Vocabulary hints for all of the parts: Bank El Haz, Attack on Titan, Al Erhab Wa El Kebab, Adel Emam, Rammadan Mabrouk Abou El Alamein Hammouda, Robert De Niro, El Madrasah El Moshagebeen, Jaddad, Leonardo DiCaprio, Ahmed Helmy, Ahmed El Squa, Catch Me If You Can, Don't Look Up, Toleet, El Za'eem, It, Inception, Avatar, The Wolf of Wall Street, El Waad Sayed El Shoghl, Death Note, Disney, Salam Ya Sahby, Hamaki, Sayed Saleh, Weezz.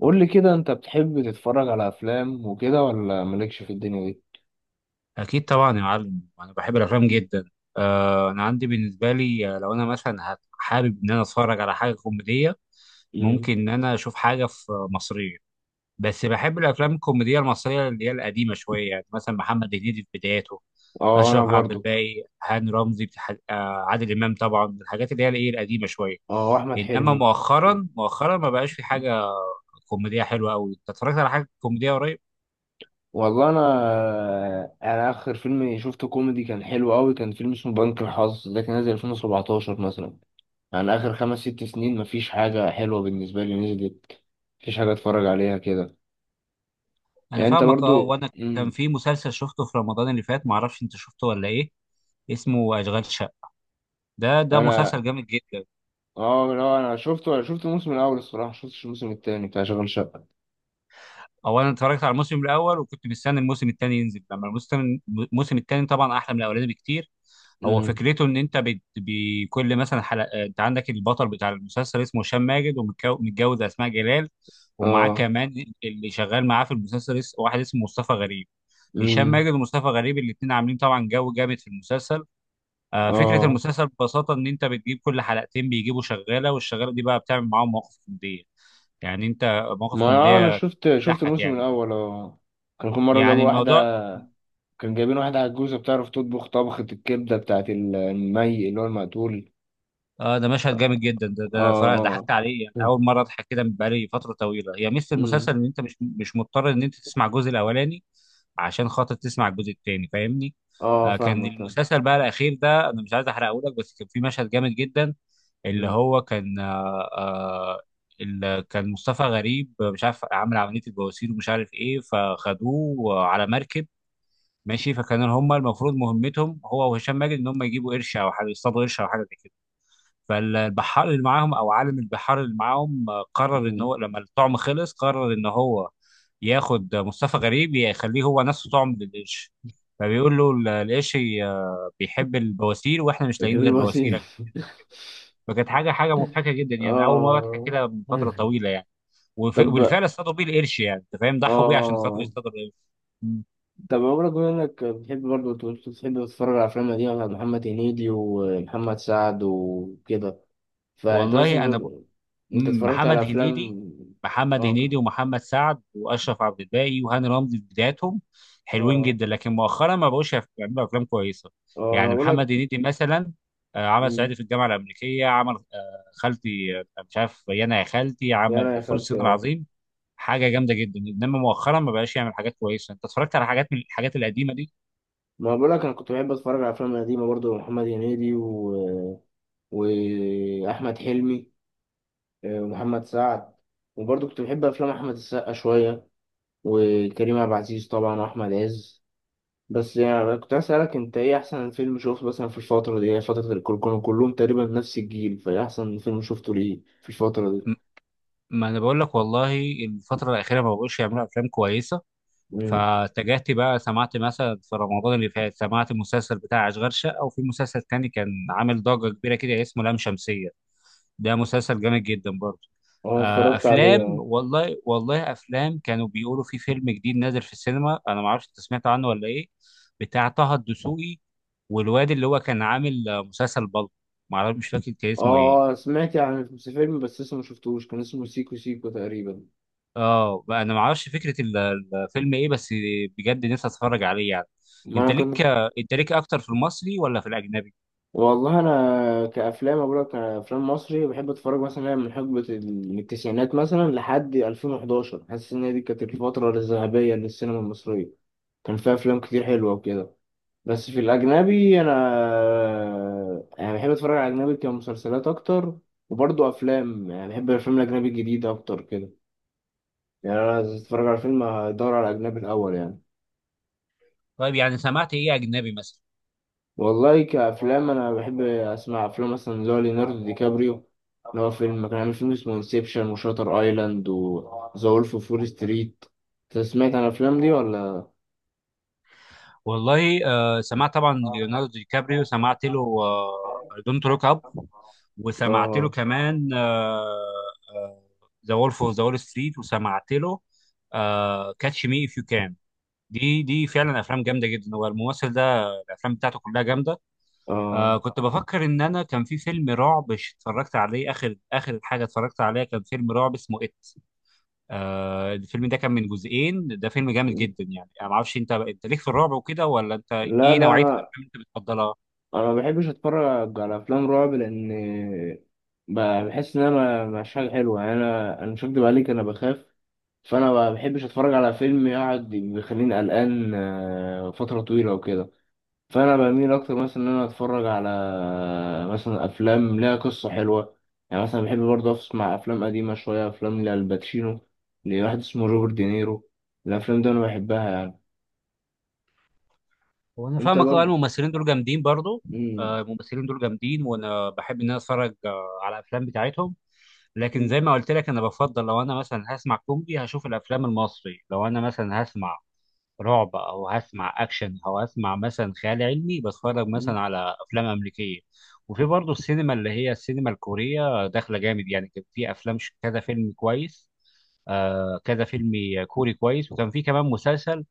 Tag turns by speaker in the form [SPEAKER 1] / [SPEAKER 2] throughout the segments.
[SPEAKER 1] قول لي كده انت بتحب تتفرج على افلام وكده ولا مالكش في الدنيا دي.
[SPEAKER 2] أكيد طبعا يا معلم، أنا بحب الأفلام
[SPEAKER 1] مم.
[SPEAKER 2] جدا. أنا عندي بالنسبة لي، لو أنا مثلا حابب إن أنا أتفرج على حاجة كوميدية،
[SPEAKER 1] امم
[SPEAKER 2] ممكن إن أنا أشوف حاجة في مصرية. بس بحب الأفلام الكوميدية المصرية اللي هي القديمة شوية، يعني مثلا محمد هنيدي في بداياته،
[SPEAKER 1] اه
[SPEAKER 2] أشرف
[SPEAKER 1] انا
[SPEAKER 2] عبد
[SPEAKER 1] برضو
[SPEAKER 2] الباقي، هاني رمزي، عادل إمام طبعا، الحاجات اللي هي الإيه القديمة شوية.
[SPEAKER 1] اه احمد
[SPEAKER 2] إنما
[SPEAKER 1] حلمي.
[SPEAKER 2] مؤخرا ما بقاش في حاجة كوميدية حلوة أوي. أنت اتفرجت على حاجة كوميدية قريب؟
[SPEAKER 1] والله انا، اخر فيلم شفته كوميدي كان حلو قوي، كان فيلم اسمه بنك الحظ، ده كان نازل 2017 مثلا. يعني اخر 5 6 سنين مفيش حاجه حلوه بالنسبه لي نزلت، مفيش حاجه اتفرج عليها كده.
[SPEAKER 2] انا
[SPEAKER 1] يعني انت
[SPEAKER 2] فاهمك، اه.
[SPEAKER 1] برضو
[SPEAKER 2] وانا كان في مسلسل شفته في رمضان اللي فات، معرفش انت شفته ولا ايه، اسمه اشغال شقه. ده
[SPEAKER 1] انا.
[SPEAKER 2] مسلسل جامد جدا.
[SPEAKER 1] اه لا انا شفته، انا شفت الموسم الاول الصراحه، شفتش الموسم التاني بتاع شغل شقه.
[SPEAKER 2] اولا اتفرجت على الموسم الاول وكنت مستني الموسم الثاني ينزل. لما الموسم الثاني طبعا احلى من الاولاني بكتير. هو
[SPEAKER 1] امم.
[SPEAKER 2] فكرته ان انت بكل مثلا حلقه، انت عندك البطل بتاع المسلسل اسمه هشام ماجد، ومتجوز اسماء جلال، ومعاه
[SPEAKER 1] اه.
[SPEAKER 2] كمان اللي شغال معاه في المسلسل، واحد اسمه مصطفى غريب. هشام
[SPEAKER 1] مم.
[SPEAKER 2] ماجد ومصطفى غريب الاثنين عاملين طبعا جو جامد في المسلسل. فكرة
[SPEAKER 1] اه،
[SPEAKER 2] المسلسل ببساطة إن أنت بتجيب كل حلقتين بيجيبوا شغالة، والشغالة دي بقى بتعمل معاهم مواقف كوميدية، يعني أنت، مواقف
[SPEAKER 1] ما انا
[SPEAKER 2] كوميدية
[SPEAKER 1] شفت
[SPEAKER 2] تضحك
[SPEAKER 1] الموسم
[SPEAKER 2] يعني،
[SPEAKER 1] الاول اه. كان كل مره
[SPEAKER 2] يعني
[SPEAKER 1] جابوا
[SPEAKER 2] الموضوع،
[SPEAKER 1] واحده، كان جايبين واحده عجوزه بتعرف تطبخ طبخه الكبده بتاعت المي اللي هو المقتول.
[SPEAKER 2] آه ده مشهد
[SPEAKER 1] اه.
[SPEAKER 2] جامد جدا. ده
[SPEAKER 1] اه.
[SPEAKER 2] أنا صراحة
[SPEAKER 1] اه.
[SPEAKER 2] ضحكت عليه، يعني
[SPEAKER 1] مم.
[SPEAKER 2] أول مرة أضحك كده من بقالي فترة طويلة. هي ميزة
[SPEAKER 1] أمم.
[SPEAKER 2] المسلسل إن أنت مش مضطر إن أنت تسمع الجزء الأولاني عشان خاطر تسمع الجزء التاني، فاهمني.
[SPEAKER 1] اه
[SPEAKER 2] آه، كان
[SPEAKER 1] فاهمك، فاهم.
[SPEAKER 2] المسلسل بقى الاخير ده، انا مش عايز احرقه لك، بس كان في مشهد جامد جدا اللي
[SPEAKER 1] أمم.
[SPEAKER 2] هو كان اللي كان مصطفى غريب مش عارف عامل عملية البواسير ومش عارف ايه، فخدوه على مركب ماشي. فكان هم المفروض مهمتهم هو وهشام ماجد ان هم يجيبوا قرش او حاجه، يصطادوا قرش او حاجه زي كده. فالبحار اللي معاهم او عالم البحار اللي معاهم، قرر ان
[SPEAKER 1] أمم.
[SPEAKER 2] هو لما الطعم خلص، قرر ان هو ياخد مصطفى غريب يخليه هو نفسه طعم للقرش. فبيقول له القرش بيحب البواسير، واحنا مش
[SPEAKER 1] بتحب
[SPEAKER 2] لاقيين غير
[SPEAKER 1] الوسيم
[SPEAKER 2] بواسيرك. فكانت حاجه مضحكه جدا يعني، اول مره اضحك
[SPEAKER 1] اه.
[SPEAKER 2] كده من فتره
[SPEAKER 1] مم.
[SPEAKER 2] طويله يعني.
[SPEAKER 1] طب،
[SPEAKER 2] وبالفعل اصطادوا بيه القرش، يعني انت فاهم، ضحوا بيه عشان خاطر
[SPEAKER 1] اه
[SPEAKER 2] يصطادوا القرش. مم.
[SPEAKER 1] طب، عمرك بما انك بتحب برضه بتحب تتفرج على افلام قديمه بتاعت محمد هنيدي ومحمد سعد وكده، فانت مثلا
[SPEAKER 2] والله انا،
[SPEAKER 1] انت
[SPEAKER 2] مم،
[SPEAKER 1] اتفرجت على
[SPEAKER 2] محمد هنيدي،
[SPEAKER 1] افلام؟
[SPEAKER 2] محمد
[SPEAKER 1] اه
[SPEAKER 2] هنيدي
[SPEAKER 1] كنت-
[SPEAKER 2] ومحمد سعد واشرف عبد الباقي وهاني رمزي في بداياتهم، حلوين
[SPEAKER 1] اه.
[SPEAKER 2] جدا، لكن مؤخرا ما بقوش يعرفوا يعملوا افلام كويسه.
[SPEAKER 1] اه انا
[SPEAKER 2] يعني
[SPEAKER 1] بقول لك،
[SPEAKER 2] محمد هنيدي مثلا، عمل صعيدي في الجامعه الامريكيه، عمل خالتي، مش عارف يانا يا خالتي،
[SPEAKER 1] يا
[SPEAKER 2] عمل
[SPEAKER 1] انا يا
[SPEAKER 2] فول الصين
[SPEAKER 1] خالتي اه.
[SPEAKER 2] العظيم، حاجه جامده جدا. انما مؤخرا ما بقاش يعمل حاجات كويسه. انت اتفرجت على حاجات من الحاجات القديمه دي؟
[SPEAKER 1] ما بقول لك انا كنت بحب اتفرج على افلام قديمه برضو، محمد هنيدي و... واحمد حلمي، ومحمد سعد، وبرضو كنت بحب افلام احمد السقا شويه، وكريم عبد العزيز طبعا واحمد عز. بس يعني كنت عايز اسالك، انت ايه احسن فيلم شفته مثلا في الفتره دي؟ هي فتره الكل كانوا كلهم تقريبا نفس الجيل، فايه احسن فيلم شفته ليه في الفتره دي؟
[SPEAKER 2] م- ما انا بقول لك والله، الفتره الاخيره ما بقوش يعملوا افلام كويسه.
[SPEAKER 1] مم.
[SPEAKER 2] فاتجهت بقى، سمعت مثلا في رمضان اللي فات سمعت المسلسل بتاع أشغال شقة، وفي مسلسل تاني كان عامل ضجة كبيرة كده اسمه لام شمسية، ده مسلسل جامد جدا برضه.
[SPEAKER 1] اه اتفرجت
[SPEAKER 2] أفلام،
[SPEAKER 1] عليه.
[SPEAKER 2] والله والله أفلام، كانوا بيقولوا في فيلم جديد نازل في السينما، أنا ما أعرفش أنت سمعت عنه ولا إيه، بتاع طه الدسوقي، والواد اللي هو كان عامل مسلسل بلطو، ما أعرف مش فاكر كان اسمه إيه.
[SPEAKER 1] اه سمعت عن في فيلم بس لسه ما شفتوش، كان اسمه سيكو سيكو تقريبا.
[SPEAKER 2] اه بقى انا ما اعرفش فكره الفيلم ايه، بس بجد نفسي اتفرج عليه يعني.
[SPEAKER 1] ما
[SPEAKER 2] انت
[SPEAKER 1] انا
[SPEAKER 2] ليك،
[SPEAKER 1] كنت
[SPEAKER 2] انت ليك اكتر في المصري ولا في الاجنبي؟
[SPEAKER 1] والله انا كافلام، اقول لك كافلام مصري بحب اتفرج مثلا من حقبه من التسعينات مثلا لحد 2011، حاسس ان هي دي كانت الفتره الذهبيه للسينما المصريه، كان فيها افلام كتير حلوه وكده. بس في الاجنبي انا، يعني بحب اتفرج على الاجنبي كمسلسلات اكتر، وبرضه افلام، يعني بحب الافلام الاجنبي الجديده اكتر كده. يعني انا عايز اتفرج على فيلم هدور على الاجنبي الاول يعني.
[SPEAKER 2] طيب يعني سمعت ايه اجنبي مثلا؟
[SPEAKER 1] والله كأفلام أنا بحب أسمع أفلام مثلا اللي هو ليوناردو دي كابريو، اللي هو فيلم كان عامل، فيلم اسمه انسبشن وشاتر أيلاند وذا وولف أوف وول ستريت. أنت سمعت عن الأفلام دي ولا؟
[SPEAKER 2] والله آه سمعت طبعا، ليوناردو دي كابريو سمعت له دونت لوك اب، وسمعت له
[SPEAKER 1] آه.
[SPEAKER 2] كمان ذا وولف اوف ذا وول ستريت، وسمعت له كاتش مي اف يو كان. دي فعلا افلام جامده جدا، هو الممثل ده الافلام بتاعته كلها جامده.
[SPEAKER 1] آه
[SPEAKER 2] آه كنت بفكر ان انا كان في فيلم رعب اتفرجت عليه، اخر حاجه اتفرجت عليها كان فيلم رعب اسمه ات. آه الفيلم ده كان من جزئين، ده فيلم جامد جدا يعني. انا ما اعرفش انت، ليك في الرعب وكده ولا انت،
[SPEAKER 1] لا
[SPEAKER 2] ايه
[SPEAKER 1] لا،
[SPEAKER 2] نوعيه الافلام
[SPEAKER 1] أنا
[SPEAKER 2] اللي انت بتفضلها؟
[SPEAKER 1] أنا ما بحبش أتفرج على أفلام رعب، لأن بحس إن أنا مش حاجة حلوة. يعني أنا مش هكدب عليك، أنا بخاف. فأنا ما بحبش أتفرج على فيلم يقعد بيخليني قلقان فترة طويلة وكده. فانا بميل اكتر مثلا ان انا اتفرج على مثلا افلام ليها قصه حلوه. يعني مثلا بحب برضه اسمع افلام قديمه شويه، افلام لالباتشينو، لواحد اسمه روبرت دينيرو، الافلام دي انا بحبها يعني.
[SPEAKER 2] هو انا
[SPEAKER 1] انت
[SPEAKER 2] فاهمك، اه
[SPEAKER 1] برضه.
[SPEAKER 2] الممثلين دول جامدين برضو، آه الممثلين دول جامدين وانا بحب ان انا اتفرج آه على الافلام بتاعتهم. لكن زي ما قلت لك انا بفضل لو انا مثلا هسمع كوميدي هشوف الافلام المصري، لو انا مثلا هسمع رعب او هسمع اكشن او هسمع مثلا خيال علمي بتفرج مثلا على افلام امريكيه. وفي برضه السينما اللي هي السينما الكوريه داخله جامد يعني، كان في افلام كذا فيلم كويس، آه كذا فيلم كوري كويس. وكان في كمان مسلسل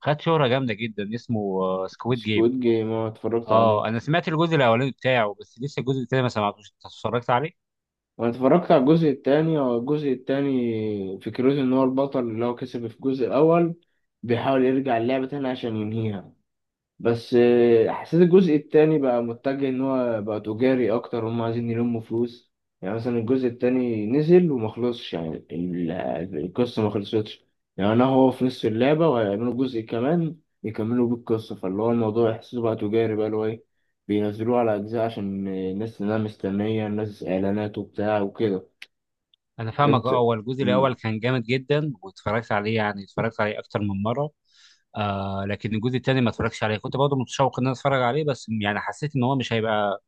[SPEAKER 2] خد شهره جامده جدا اسمه سكويد جيم.
[SPEAKER 1] سكويد جيم، اه اتفرجت
[SPEAKER 2] اه Squid Game.
[SPEAKER 1] عليه.
[SPEAKER 2] انا سمعت الجزء الاولاني بتاعه بس لسه الجزء التاني ما سمعتوش، انت اتفرجت عليه؟
[SPEAKER 1] وانا اتفرجت على الجزء التاني، هو الجزء التاني فكرته ان هو البطل اللي هو كسب في الجزء الاول بيحاول يرجع اللعبه تاني عشان ينهيها. بس حسيت الجزء التاني بقى متجه ان هو بقى تجاري اكتر، هم عايزين يلموا فلوس. يعني مثلا الجزء التاني نزل وما خلصش، يعني القصة ما خلصتش. يعني انا هو في نص اللعبة وهيعملوا جزء كمان يكملوا بيه القصة، فاللي هو الموضوع يحسسوا بقى تجاري، بقى اللي هو ايه، بينزلوه على اجزاء عشان الناس انها مستنية، الناس اعلانات وبتاع وكده.
[SPEAKER 2] انا فاهمك، اه.
[SPEAKER 1] انت.
[SPEAKER 2] هو الجزء
[SPEAKER 1] مم.
[SPEAKER 2] الاول كان جامد جدا واتفرجت عليه، يعني اتفرجت عليه اكتر من مره. آه لكن الجزء التاني ما اتفرجش عليه، كنت برضه متشوق ان انا اتفرج عليه، بس يعني حسيت ان هو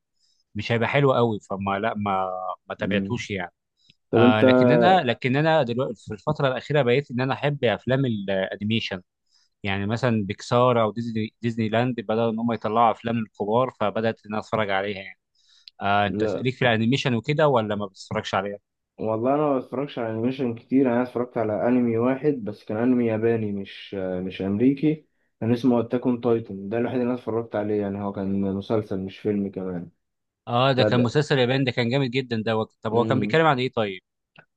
[SPEAKER 2] مش هيبقى حلو قوي، فما لا ما ما
[SPEAKER 1] مم.
[SPEAKER 2] تابعتوش يعني.
[SPEAKER 1] طب
[SPEAKER 2] آه
[SPEAKER 1] انت،
[SPEAKER 2] لكن انا، دلوقتي في الفتره الاخيره بقيت ان انا احب افلام الانيميشن، يعني مثلا بيكسار او ديزني، ديزني لاند بدأوا ان هم يطلعوا افلام للكبار، فبدأت ان انا اتفرج عليها يعني. آه انت
[SPEAKER 1] لا
[SPEAKER 2] ليك في الانيميشن وكده ولا ما بتتفرجش عليها؟
[SPEAKER 1] والله انا ما بتفرجش على انيميشن كتير، انا اتفرجت على انمي واحد بس، كان انمي ياباني مش امريكي، كان اسمه اتاك اون تايتن، ده الوحيد اللي انا اتفرجت عليه يعني، هو كان مسلسل مش فيلم كمان.
[SPEAKER 2] اه ده كان
[SPEAKER 1] فده،
[SPEAKER 2] مسلسل ياباني، ده كان جامد جدا ده، طب هو كان بيتكلم عن ايه طيب؟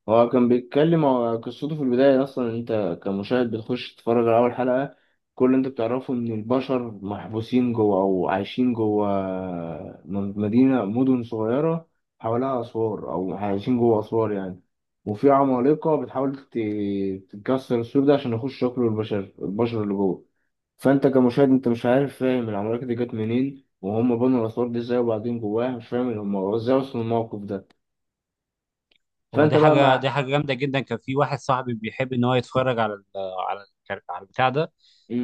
[SPEAKER 1] هو كان بيتكلم، هو قصته في البداية أصلا إن أنت كمشاهد بتخش تتفرج على أول حلقة، كل اللي أنت بتعرفه إن البشر محبوسين جوه أو عايشين جوه مدينة، مدن صغيرة حواليها أسوار، أو عايشين جوه أسوار يعني. وفي عمالقة بتحاول تكسر السور ده عشان يخشوا ياكلوا البشر، البشر اللي جوه. فأنت كمشاهد أنت مش عارف، فاهم العمالقة دي جت منين وهم بنوا الأسوار دي إزاي، وبعدين جواها مش فاهم هم إزاي وصلوا للموقف ده.
[SPEAKER 2] هو
[SPEAKER 1] فأنت بقى
[SPEAKER 2] دي
[SPEAKER 1] مع.
[SPEAKER 2] حاجه جامده جدا. كان في واحد صاحبي بيحب ان هو يتفرج على على البتاع ده،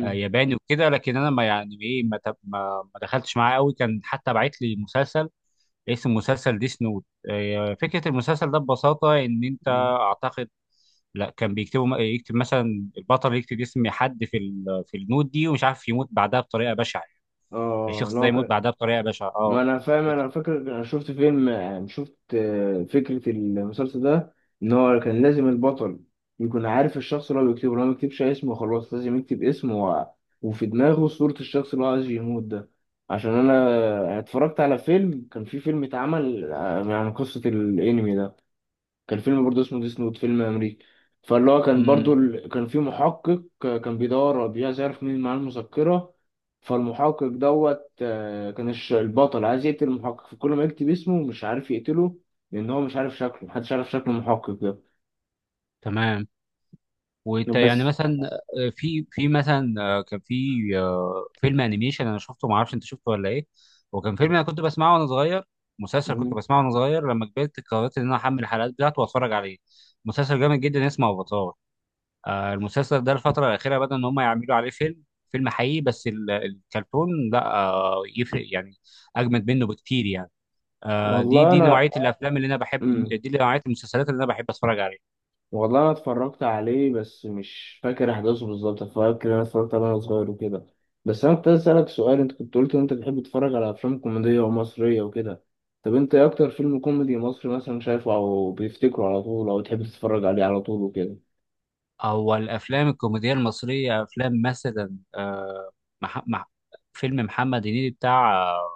[SPEAKER 2] ياباني وكده، لكن انا ما يعني ايه، ما, تب... ما... ما دخلتش معاه قوي. كان حتى بعت لي مسلسل اسم مسلسل ديس نوت. فكرة المسلسل ده ببساطة إن أنت،
[SPEAKER 1] مم.
[SPEAKER 2] أعتقد، لا كان بيكتبوا، يكتب مثلا البطل يكتب اسم حد في في النوت دي، ومش عارف يموت بعدها بطريقة بشعة،
[SPEAKER 1] اه
[SPEAKER 2] الشخص ده
[SPEAKER 1] لا
[SPEAKER 2] يموت
[SPEAKER 1] كان،
[SPEAKER 2] بعدها بطريقة بشعة،
[SPEAKER 1] ما
[SPEAKER 2] اه.
[SPEAKER 1] انا فاهم، انا فاكر انا شفت فيلم، يعني شفت فكرة المسلسل ده، ان هو كان لازم البطل يكون عارف الشخص اللي هو بيكتبه، لو ما يكتبش اسمه خلاص، لازم يكتب اسمه و... وفي دماغه صورة الشخص اللي هو عايز يموت ده، عشان انا، أنا اتفرجت على فيلم، كان في فيلم اتعمل عن قصة الانمي ده، كان فيلم برضه اسمه ديس نوت، فيلم امريكي. فاللي هو كان
[SPEAKER 2] ودي-
[SPEAKER 1] برضه ال... كان في محقق كان عايز يعرف مين معاه المذكرة، فالمحقق دوت كان البطل عايز يقتل المحقق، فكل ما يكتب اسمه مش عارف يقتله، لان هو مش عارف شكله، محدش عارف شكل المحقق ده.
[SPEAKER 2] تمام. وانت يعني
[SPEAKER 1] بس.
[SPEAKER 2] مثلا، آه، في في مثلا، كان في فيلم انيميشن انا شفته، ما اعرفش انت شفته ولا ايه، وكان فيلم انا كنت بسمعه وانا صغير، مسلسل كنت
[SPEAKER 1] مم.
[SPEAKER 2] بسمعه وانا صغير، لما كبرت قررت ان انا احمل الحلقات بتاعته واتفرج عليه. مسلسل جامد جدا اسمه افاتار. المسلسل ده الفتره الاخيره بدأ ان هم يعملوا عليه فيلم، فيلم حقيقي، بس الكرتون لا يفرق يعني، اجمد منه بكتير يعني. دي
[SPEAKER 1] والله
[SPEAKER 2] دي
[SPEAKER 1] انا.
[SPEAKER 2] نوعيه الافلام اللي انا بحب،
[SPEAKER 1] مم.
[SPEAKER 2] دي نوعيه المسلسلات اللي انا بحب اتفرج عليها.
[SPEAKER 1] والله انا اتفرجت عليه بس مش فاكر احداثه بالظبط، فاكر انا اتفرجت عليه وانا صغير وكده. بس انا كنت عايز اسالك سؤال، انت كنت قلت ان انت بتحب تتفرج على افلام كوميديه ومصريه وكده، طب انت ايه اكتر فيلم كوميدي مصري مثلا شايفه او بتفتكره على طول او تحب تتفرج عليه على طول وكده؟
[SPEAKER 2] هو الافلام الكوميديه المصريه، افلام مثلا آه، مح... مح... فيلم محمد هنيدي بتاع آه،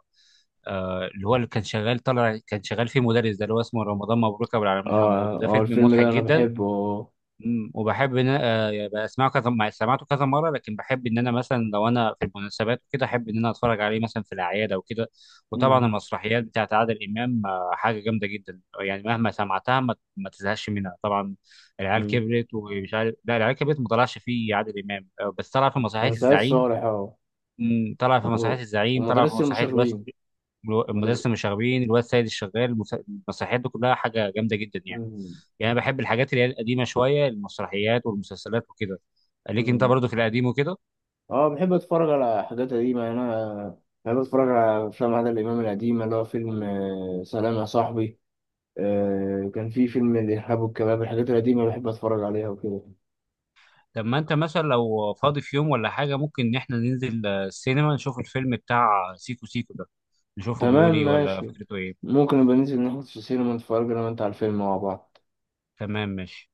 [SPEAKER 2] اللي هو اللي كان شغال طالع، كان شغال فيه مدرس ده اللي هو اسمه رمضان مبروك ابو العلمين حموده،
[SPEAKER 1] اه
[SPEAKER 2] ده
[SPEAKER 1] اه
[SPEAKER 2] فيلم
[SPEAKER 1] الفيلم
[SPEAKER 2] مضحك
[SPEAKER 1] ده انا
[SPEAKER 2] جدا.
[SPEAKER 1] بحبه اه.
[SPEAKER 2] مم. وبحب ان انا آه، يبقى اسمعه سمعته كذا مره، لكن بحب ان انا مثلا لو انا في المناسبات وكده، احب ان انا اتفرج عليه مثلا في الاعياد او كده. وطبعا
[SPEAKER 1] مم،
[SPEAKER 2] المسرحيات بتاعت عادل امام حاجه جامده جدا يعني، مهما سمعتها ما تزهقش منها طبعا. العيال
[SPEAKER 1] مم.
[SPEAKER 2] كبرت، ومش عارف، لا العيال كبرت ما طلعش فيه عادل امام بس طلع في
[SPEAKER 1] كان
[SPEAKER 2] مسرحيه
[SPEAKER 1] سعيد
[SPEAKER 2] الزعيم.
[SPEAKER 1] صالح اه.
[SPEAKER 2] مم، طلع في
[SPEAKER 1] و-
[SPEAKER 2] مسرحيه الزعيم، طلع في
[SPEAKER 1] ومدرسه
[SPEAKER 2] مسرحيه الواد،
[SPEAKER 1] المشاغبين. مدرسه.
[SPEAKER 2] المدرسه المشاغبين، الواد سيد الشغال، المسرحيات دي كلها حاجه جامده جدا يعني. يعني انا بحب الحاجات اللي هي القديمه شويه، المسرحيات والمسلسلات وكده. ليك انت برضو في القديم وكده؟
[SPEAKER 1] اه بحب اتفرج على حاجات قديمة يعني. انا بحب اتفرج على افلام عادل امام القديمة، اللي هو فيلم سلام يا صاحبي، كان في فيلم الارهاب والكباب، الحاجات القديمة بحب اتفرج عليها وكده.
[SPEAKER 2] طب ما انت مثلا لو فاضي في يوم ولا حاجه، ممكن ان احنا ننزل السينما نشوف الفيلم بتاع سيكو سيكو ده، نشوفه بيقول
[SPEAKER 1] تمام
[SPEAKER 2] ايه ولا
[SPEAKER 1] ماشي،
[SPEAKER 2] فكرته ايه.
[SPEAKER 1] ممكن نبقى ننزل نحط في السينما نتفرج انا وانت على الفيلم مع بعض.
[SPEAKER 2] تمام ماشي.